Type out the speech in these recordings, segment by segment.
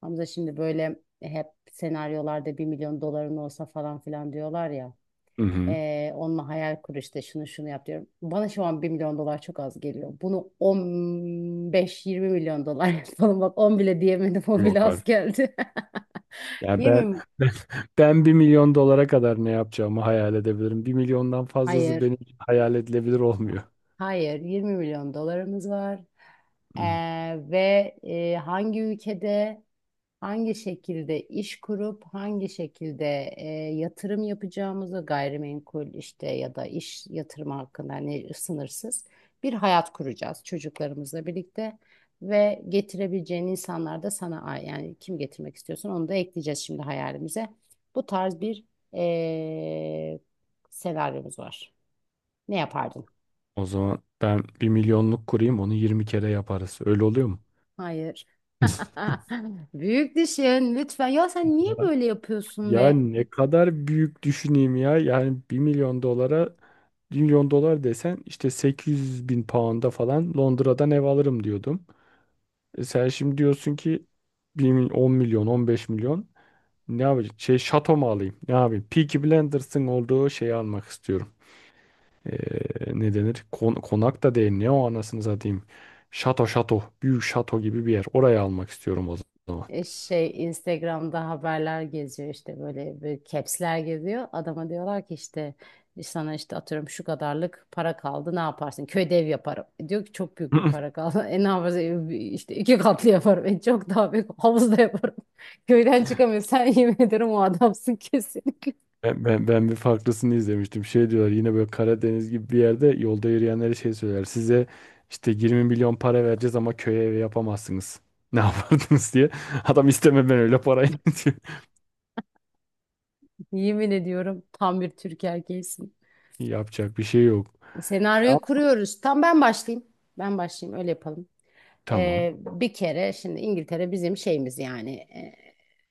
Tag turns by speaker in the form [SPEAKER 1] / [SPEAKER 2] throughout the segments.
[SPEAKER 1] Hamza şimdi böyle, hep senaryolarda bir milyon doların olsa falan filan diyorlar ya.
[SPEAKER 2] Hı hı.
[SPEAKER 1] Onunla hayal kur, işte şunu şunu yap diyorum. Bana şu an bir milyon dolar çok az geliyor. Bunu on beş, yirmi milyon dolar yapalım. Bak 10 bile diyemedim. O bile
[SPEAKER 2] Yok
[SPEAKER 1] az
[SPEAKER 2] artık.
[SPEAKER 1] geldi.
[SPEAKER 2] Ya
[SPEAKER 1] Yirmi
[SPEAKER 2] ben
[SPEAKER 1] mi?
[SPEAKER 2] ben ben 1 milyon dolara kadar ne yapacağımı hayal edebilirim. 1 milyondan fazlası
[SPEAKER 1] Hayır.
[SPEAKER 2] benim için hayal edilebilir
[SPEAKER 1] Ah,
[SPEAKER 2] olmuyor.
[SPEAKER 1] hayır. 20 milyon dolarımız var. Ee,
[SPEAKER 2] Hı.
[SPEAKER 1] ve hangi ülkede? Hangi şekilde iş kurup hangi şekilde, yatırım yapacağımızı, gayrimenkul işte ya da iş yatırımı hakkında, hani sınırsız bir hayat kuracağız çocuklarımızla birlikte ve getirebileceğin insanlar da sana yani kim getirmek istiyorsan onu da ekleyeceğiz şimdi hayalimize. Bu tarz bir e, senaryomuz var. Ne yapardın?
[SPEAKER 2] O zaman ben 1 milyonluk kurayım, onu 20 kere yaparız. Öyle oluyor mu?
[SPEAKER 1] Hayır. Büyük düşün lütfen. Ya sen
[SPEAKER 2] Ya
[SPEAKER 1] niye böyle yapıyorsun
[SPEAKER 2] ya
[SPEAKER 1] be?
[SPEAKER 2] ne kadar büyük düşüneyim ya. Yani 1 milyon dolara 1 milyon dolar desen işte 800 bin pound'a falan Londra'dan ev alırım diyordum. E sen şimdi diyorsun ki 10 milyon, 15 milyon. Ne yapacağım? Şey, şato mu alayım? Ne yapayım? Peaky Blinders'ın olduğu şeyi almak istiyorum. Ee, ne denir? Konak da değil. Ne o, anasını satayım? Şato şato. Büyük şato gibi bir yer. Oraya almak istiyorum o zaman.
[SPEAKER 1] Şey, Instagram'da haberler geziyor, işte böyle bir caps'ler geziyor. Adama diyorlar ki, işte sana, işte atıyorum, şu kadarlık para kaldı ne yaparsın? Köyde ev yaparım. E, diyor ki çok büyük bir para kaldı. E ne yaparsın? E, işte iki katlı yaparım. E çok daha büyük havuzda yaparım. Köyden çıkamıyor. Sen, yemin ederim o adamsın kesin.
[SPEAKER 2] Ben bir farklısını izlemiştim. Şey diyorlar, yine böyle Karadeniz gibi bir yerde yolda yürüyenlere şey söyler. Size işte 20 milyon para vereceğiz ama köye evi yapamazsınız. Ne yapardınız diye. Adam, isteme ben öyle parayı diyor.
[SPEAKER 1] Yemin ediyorum, tam bir Türk erkeğisin.
[SPEAKER 2] Yapacak bir şey yok. Ya
[SPEAKER 1] Senaryoyu kuruyoruz. Tam ben başlayayım. Ben başlayayım, öyle yapalım.
[SPEAKER 2] tamam.
[SPEAKER 1] Bir kere şimdi İngiltere bizim şeyimiz, yani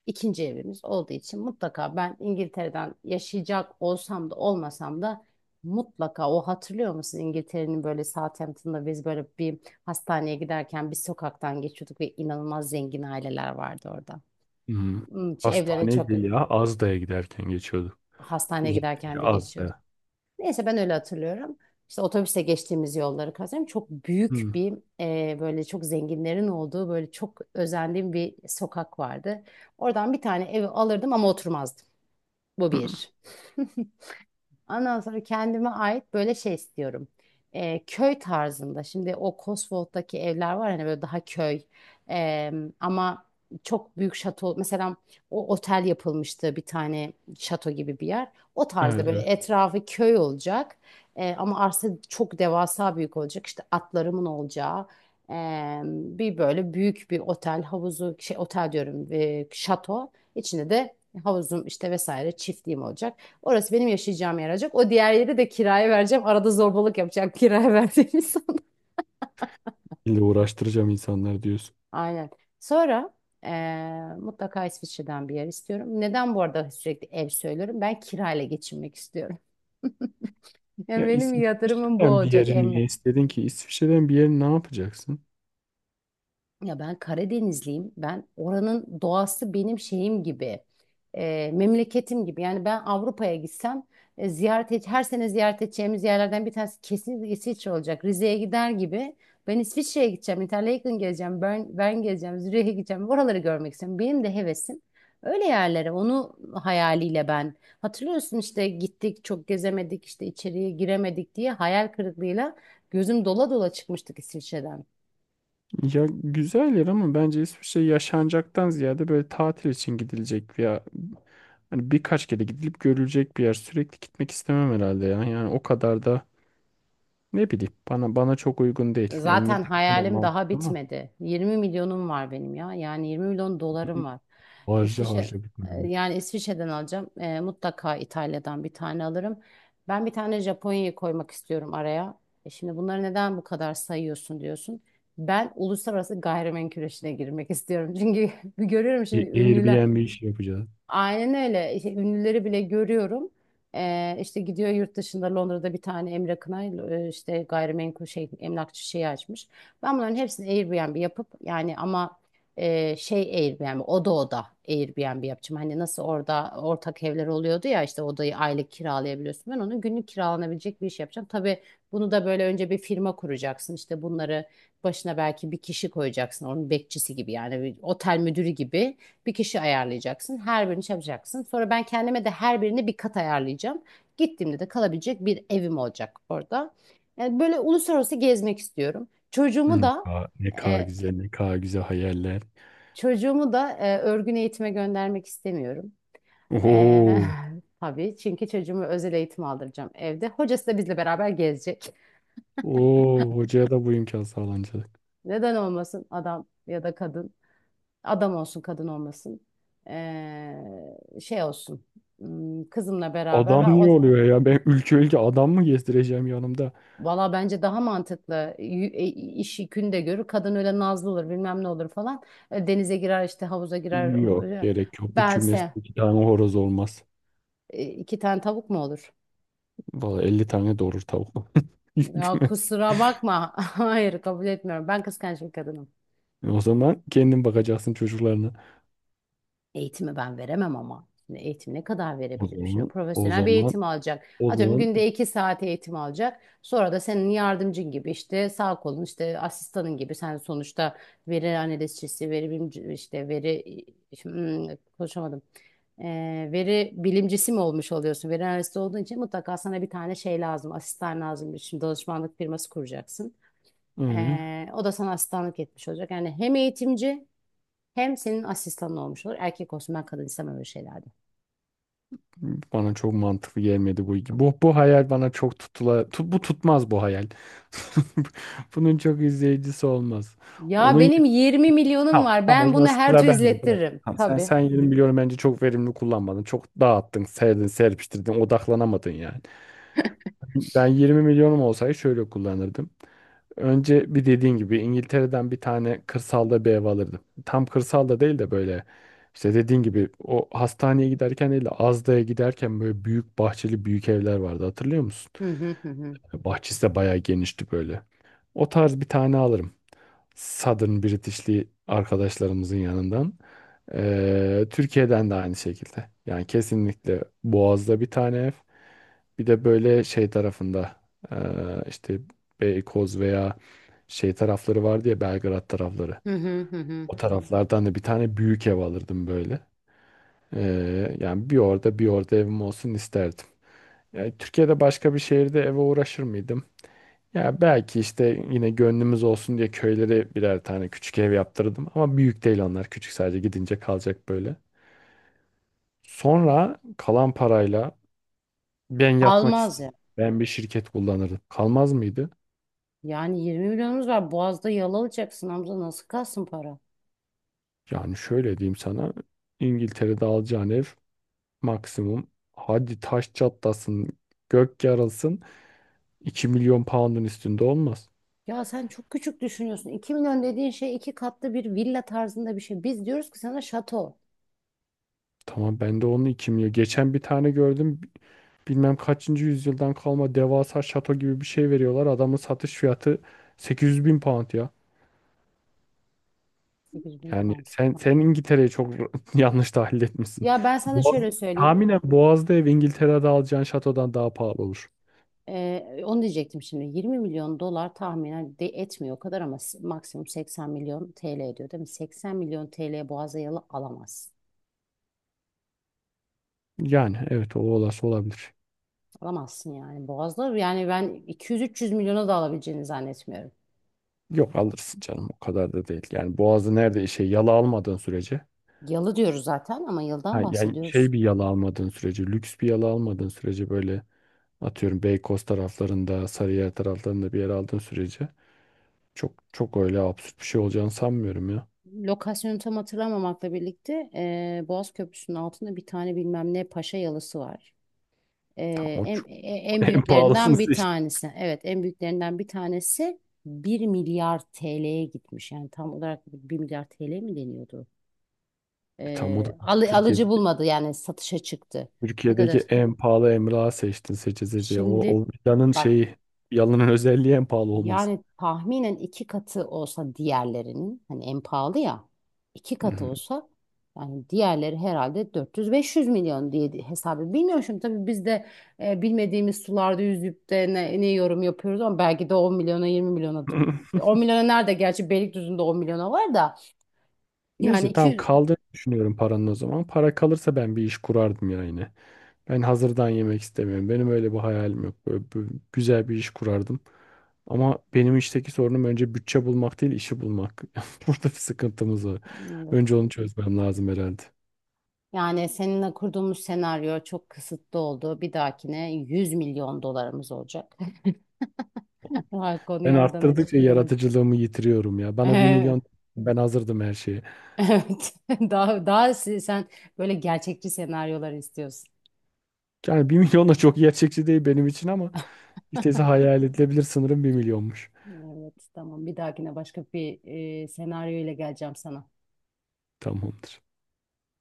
[SPEAKER 1] ikinci evimiz olduğu için, mutlaka ben İngiltere'den yaşayacak olsam da olmasam da mutlaka, o hatırlıyor musun, İngiltere'nin böyle Southampton'da biz böyle bir hastaneye giderken bir sokaktan geçiyorduk ve inanılmaz zengin aileler vardı orada.
[SPEAKER 2] Hı.
[SPEAKER 1] Hmm, evlerine
[SPEAKER 2] Hastaneye
[SPEAKER 1] çok,
[SPEAKER 2] değil ya. Azda'ya giderken geçiyordu.
[SPEAKER 1] hastaneye
[SPEAKER 2] Uzak
[SPEAKER 1] giderken de
[SPEAKER 2] bir
[SPEAKER 1] geçiyorduk.
[SPEAKER 2] Azda.
[SPEAKER 1] Neyse, ben öyle hatırlıyorum. İşte otobüse geçtiğimiz yolları kazanıyorum. Çok büyük
[SPEAKER 2] Hı.
[SPEAKER 1] bir, böyle çok zenginlerin olduğu, böyle çok özendiğim bir sokak vardı. Oradan bir tane evi alırdım ama oturmazdım. Bu
[SPEAKER 2] Hı.
[SPEAKER 1] bir. Ondan sonra kendime ait böyle şey istiyorum. Köy tarzında. Şimdi o Cotswold'daki evler var, hani böyle daha köy. Ee, ama çok büyük şato. Mesela o otel yapılmıştı, bir tane şato gibi bir yer. O tarzda,
[SPEAKER 2] Evet,
[SPEAKER 1] böyle
[SPEAKER 2] evet.
[SPEAKER 1] etrafı köy olacak. Ama arsa çok devasa büyük olacak. İşte atlarımın olacağı. Bir böyle büyük bir otel havuzu, şey otel diyorum, şato içinde de havuzum, işte vesaire, çiftliğim olacak. Orası benim yaşayacağım yer olacak. O diğer yeri de kiraya vereceğim. Arada zorbalık yapacak kiraya verdiğim insan.
[SPEAKER 2] İlle uğraştıracağım insanlar diyorsun.
[SPEAKER 1] Aynen. Sonra mutlaka İsviçre'den bir yer istiyorum. Neden bu arada sürekli ev söylüyorum? Ben kirayla geçinmek istiyorum. Yani
[SPEAKER 2] Ya
[SPEAKER 1] benim yatırımım bu
[SPEAKER 2] İsviçre'den bir
[SPEAKER 1] olacak
[SPEAKER 2] yeri
[SPEAKER 1] Emre.
[SPEAKER 2] niye istedin ki? İsviçre'den bir yeri ne yapacaksın?
[SPEAKER 1] Ya ben Karadenizliyim. Ben oranın doğası benim şeyim gibi, memleketim gibi. Yani ben Avrupa'ya gitsem, ziyaret et, her sene ziyaret edeceğimiz yerlerden bir tanesi kesinlikle İsviçre olacak. Rize'ye gider gibi. Ben İsviçre'ye gideceğim, Interlaken gezeceğim, Bern gezeceğim, Zürih'e gideceğim. Oraları görmek istiyorum. Benim de hevesim öyle yerlere. Onu hayaliyle ben. Hatırlıyorsun, işte gittik, çok gezemedik, işte içeriye giremedik diye hayal kırıklığıyla gözüm dola dola çıkmıştık İsviçre'den.
[SPEAKER 2] Ya, güzel yer ama bence İsviçre yaşanacaktan ziyade böyle tatil için gidilecek veya hani birkaç kere gidilip görülecek bir yer. Sürekli gitmek istemem herhalde ya. Yani o kadar da ne bileyim, bana çok uygun değil. Yani
[SPEAKER 1] Zaten
[SPEAKER 2] İngiltere tamam,
[SPEAKER 1] hayalim daha
[SPEAKER 2] mantıklı ama
[SPEAKER 1] bitmedi. 20 milyonum var benim ya. Yani 20 milyon dolarım var.
[SPEAKER 2] harca
[SPEAKER 1] İsviçre,
[SPEAKER 2] harca bitmez.
[SPEAKER 1] yani İsviçre'den alacağım. E, mutlaka İtalya'dan bir tane alırım. Ben bir tane Japonya'yı koymak istiyorum araya. E şimdi bunları neden bu kadar sayıyorsun diyorsun. Ben uluslararası gayrimenkul işine girmek istiyorum. Çünkü görüyorum şimdi ünlüler.
[SPEAKER 2] Airbnb işi yapacağız.
[SPEAKER 1] Aynen öyle. İşte ünlüleri bile görüyorum. İşte gidiyor yurt dışında, Londra'da bir tane Emre Kınay, işte gayrimenkul şey, emlakçı şeyi açmış. Ben bunların hepsini Airbnb yapıp, yani ama şey, Airbnb, oda oda Airbnb yapacağım. Hani nasıl orada ortak evler oluyordu ya, işte odayı aylık kiralayabiliyorsun. Ben onu günlük kiralanabilecek bir iş yapacağım. Tabii bunu da böyle önce bir firma kuracaksın. İşte bunları başına belki bir kişi koyacaksın. Onun bekçisi gibi, yani bir otel müdürü gibi. Bir kişi ayarlayacaksın. Her birini çalacaksın. Sonra ben kendime de her birine bir kat ayarlayacağım. Gittiğimde de kalabilecek bir evim olacak orada. Yani böyle uluslararası gezmek istiyorum.
[SPEAKER 2] Ne kadar, ne kadar
[SPEAKER 1] E,
[SPEAKER 2] güzel, ne kadar güzel hayaller.
[SPEAKER 1] çocuğumu da örgün eğitime göndermek istemiyorum. E,
[SPEAKER 2] Oo,
[SPEAKER 1] tabii, çünkü çocuğumu özel eğitim aldıracağım evde. Hocası da bizle beraber gezecek.
[SPEAKER 2] oo, hocaya da bu imkan sağlanacak.
[SPEAKER 1] Neden olmasın, adam ya da kadın. Adam olsun, kadın olmasın. E, şey olsun. Hmm, kızımla beraber,
[SPEAKER 2] Adam
[SPEAKER 1] ha,
[SPEAKER 2] niye
[SPEAKER 1] o,
[SPEAKER 2] oluyor ya? Ben ülke ülke adam mı gezdireceğim yanımda?
[SPEAKER 1] valla bence daha mantıklı. İş yükünü de görür. Kadın öyle nazlı olur, bilmem ne olur falan. E, denize girer işte, havuza girer.
[SPEAKER 2] Yok,
[SPEAKER 1] Öyle.
[SPEAKER 2] gerek yok. Bir kümeste
[SPEAKER 1] Bense,
[SPEAKER 2] iki tane horoz olmaz.
[SPEAKER 1] iki tane tavuk mu olur?
[SPEAKER 2] Valla 50 tane doğurur tavuk. Bir
[SPEAKER 1] Ya
[SPEAKER 2] kümes.
[SPEAKER 1] kusura bakma. Hayır, kabul etmiyorum. Ben kıskanç bir kadınım.
[SPEAKER 2] O zaman kendin bakacaksın çocuklarına.
[SPEAKER 1] Eğitimi ben veremem ama. Şimdi eğitim ne kadar
[SPEAKER 2] O
[SPEAKER 1] verebilirim? Şimdi
[SPEAKER 2] zaman, o
[SPEAKER 1] profesyonel bir
[SPEAKER 2] zaman,
[SPEAKER 1] eğitim alacak.
[SPEAKER 2] o
[SPEAKER 1] Atıyorum,
[SPEAKER 2] zaman.
[SPEAKER 1] günde iki saat eğitim alacak. Sonra da senin yardımcın gibi, işte sağ kolun, işte asistanın gibi. Sen sonuçta veri analizcisi, veri bilimci, işte veri, hmm, konuşamadım. Veri bilimcisi mi olmuş oluyorsun? Veri analisti olduğun için mutlaka sana bir tane şey lazım. Asistan lazım. Şimdi danışmanlık firması kuracaksın.
[SPEAKER 2] Ee?
[SPEAKER 1] O da sana asistanlık etmiş olacak. Yani hem eğitimci, hem senin asistanın olmuş olur. Erkek olsun, ben kadın istemem öyle şeylerde.
[SPEAKER 2] Bana çok mantıklı gelmedi bu. Bu hayal bana çok bu tutmaz bu hayal. Bunun çok izleyicisi olmaz.
[SPEAKER 1] Ya
[SPEAKER 2] Onun
[SPEAKER 1] benim 20 milyonum
[SPEAKER 2] Tamam,
[SPEAKER 1] var.
[SPEAKER 2] tamam, o
[SPEAKER 1] Ben
[SPEAKER 2] zaman
[SPEAKER 1] bunu her
[SPEAKER 2] sıra
[SPEAKER 1] türlü
[SPEAKER 2] bende, bırak.
[SPEAKER 1] izlettiririm.
[SPEAKER 2] Tamam. sen
[SPEAKER 1] Tabii.
[SPEAKER 2] sen 20 milyon bence çok verimli kullanmadın. Çok dağıttın, serdin, serpiştirdin, odaklanamadın yani. Ben 20 milyonum olsaydı şöyle kullanırdım. Önce bir, dediğin gibi İngiltere'den bir tane kırsalda bir ev alırdım. Tam kırsalda değil de böyle işte, dediğin gibi o hastaneye giderken değil de Azda'ya giderken böyle büyük bahçeli büyük evler vardı, hatırlıyor musun?
[SPEAKER 1] Hı hı hı hı.
[SPEAKER 2] Bahçesi de bayağı genişti böyle. O tarz bir tane alırım. Southern British'li arkadaşlarımızın yanından. Türkiye'den de aynı şekilde. Yani kesinlikle Boğaz'da bir tane ev. Bir de böyle şey tarafında, ee, işte Beykoz veya şey tarafları vardı ya, Belgrad tarafları.
[SPEAKER 1] Hı hı hı hı.
[SPEAKER 2] O taraflardan da bir tane büyük ev alırdım böyle. Yani bir orada bir orada evim olsun isterdim. Yani Türkiye'de başka bir şehirde eve uğraşır mıydım? Ya belki işte yine gönlümüz olsun diye köylere birer tane küçük ev yaptırdım. Ama büyük değil onlar. Küçük, sadece gidince kalacak böyle. Sonra kalan parayla ben yatmak
[SPEAKER 1] Kalmaz
[SPEAKER 2] istedim.
[SPEAKER 1] ya.
[SPEAKER 2] Ben bir şirket kullanırdım. Kalmaz mıydı?
[SPEAKER 1] Yani 20 milyonumuz var. Boğaz'da yalalayacaksın Hamza. Nasıl kalsın para?
[SPEAKER 2] Yani şöyle diyeyim sana. İngiltere'de alacağın ev maksimum, hadi taş çatlasın, gök yarılsın 2 milyon pound'un üstünde olmaz.
[SPEAKER 1] Ya sen çok küçük düşünüyorsun. 2 milyon dediğin şey iki katlı bir villa tarzında bir şey. Biz diyoruz ki sana şato.
[SPEAKER 2] Tamam, ben de onun 2 milyon. Geçen bir tane gördüm. Bilmem kaçıncı yüzyıldan kalma devasa şato gibi bir şey veriyorlar. Adamın satış fiyatı 800 bin pound ya.
[SPEAKER 1] 8 bin
[SPEAKER 2] Yani
[SPEAKER 1] pound.
[SPEAKER 2] sen İngiltere'yi çok yanlış tahlil etmişsin.
[SPEAKER 1] Ya ben sana
[SPEAKER 2] Boğaz,
[SPEAKER 1] şöyle söyleyeyim.
[SPEAKER 2] tahminen Boğaz'da ev İngiltere'de alacağın şatodan daha pahalı olur.
[SPEAKER 1] Onu diyecektim şimdi. 20 milyon dolar tahminen de etmiyor o kadar ama maksimum 80 milyon TL ediyor değil mi? 80 milyon TL'ye Boğaz'a yalı alamazsın.
[SPEAKER 2] Yani evet, o olası olabilir.
[SPEAKER 1] Alamazsın yani. Boğaz'da yani ben 200-300 milyona da alabileceğini zannetmiyorum.
[SPEAKER 2] Yok, alırsın canım, o kadar da değil. Yani Boğaz'ı nerede şey yala almadığın sürece,
[SPEAKER 1] Yalı diyoruz zaten ama yıldan
[SPEAKER 2] ha, yani
[SPEAKER 1] bahsediyoruz.
[SPEAKER 2] şey bir yala almadığın sürece, lüks bir yala almadığın sürece böyle atıyorum Beykoz taraflarında, Sarıyer taraflarında bir yer aldığın sürece çok çok öyle absürt bir şey olacağını sanmıyorum ya.
[SPEAKER 1] Lokasyonu tam hatırlamamakla birlikte Boğaz Köprüsü'nün altında bir tane bilmem ne paşa yalısı var.
[SPEAKER 2] Tam
[SPEAKER 1] Ee,
[SPEAKER 2] o
[SPEAKER 1] en, en
[SPEAKER 2] en pahalısını
[SPEAKER 1] büyüklerinden bir
[SPEAKER 2] seçtin.
[SPEAKER 1] tanesi. Evet, en büyüklerinden bir tanesi bir milyar TL'ye gitmiş. Yani tam olarak bir milyar TL mi deniyordu?
[SPEAKER 2] Tam o da
[SPEAKER 1] Alıcı
[SPEAKER 2] Türkiye'deki
[SPEAKER 1] bulmadı yani, satışa çıktı. Ne kadar?
[SPEAKER 2] En pahalı emlak seçtin seçe seçe. O,
[SPEAKER 1] Şimdi
[SPEAKER 2] o
[SPEAKER 1] bak,
[SPEAKER 2] yalanın özelliği en pahalı olması.
[SPEAKER 1] yani tahminen iki katı olsa diğerlerinin, hani en pahalı ya, iki
[SPEAKER 2] Hı
[SPEAKER 1] katı
[SPEAKER 2] hı.
[SPEAKER 1] olsa, yani diğerleri herhalde 400-500 milyon diye, hesabı bilmiyorum şimdi tabii, biz de bilmediğimiz sularda yüzüp de ne yorum yapıyoruz ama belki de 10 milyona 20 milyonadır. 10 milyona nerede, gerçi Beylikdüzü'nde 10 milyona var da, yani
[SPEAKER 2] Neyse, tamam,
[SPEAKER 1] 200,
[SPEAKER 2] kaldığını düşünüyorum paranın o zaman. Para kalırsa ben bir iş kurardım ya yine. Ben hazırdan yemek istemiyorum. Benim öyle bir hayalim yok. Böyle, güzel bir iş kurardım. Ama benim işteki sorunum önce bütçe bulmak değil, işi bulmak. Burada bir sıkıntımız var.
[SPEAKER 1] evet.
[SPEAKER 2] Önce onu çözmem lazım herhalde.
[SPEAKER 1] Yani seninle kurduğumuz senaryo çok kısıtlı oldu. Bir dahakine 100 milyon dolarımız olacak. Ha, konuyu
[SPEAKER 2] Ben
[SPEAKER 1] oradan aç.
[SPEAKER 2] arttırdıkça yaratıcılığımı yitiriyorum ya. Bana 1 milyon, ben hazırdım her şeye.
[SPEAKER 1] Evet. Sen böyle gerçekçi senaryolar istiyorsun.
[SPEAKER 2] Yani bir milyon da çok gerçekçi değil benim için ama işte hayal edilebilir sınırım 1 milyonmuş.
[SPEAKER 1] Evet, tamam. Bir dahakine başka bir senaryo ile geleceğim sana.
[SPEAKER 2] Tamamdır.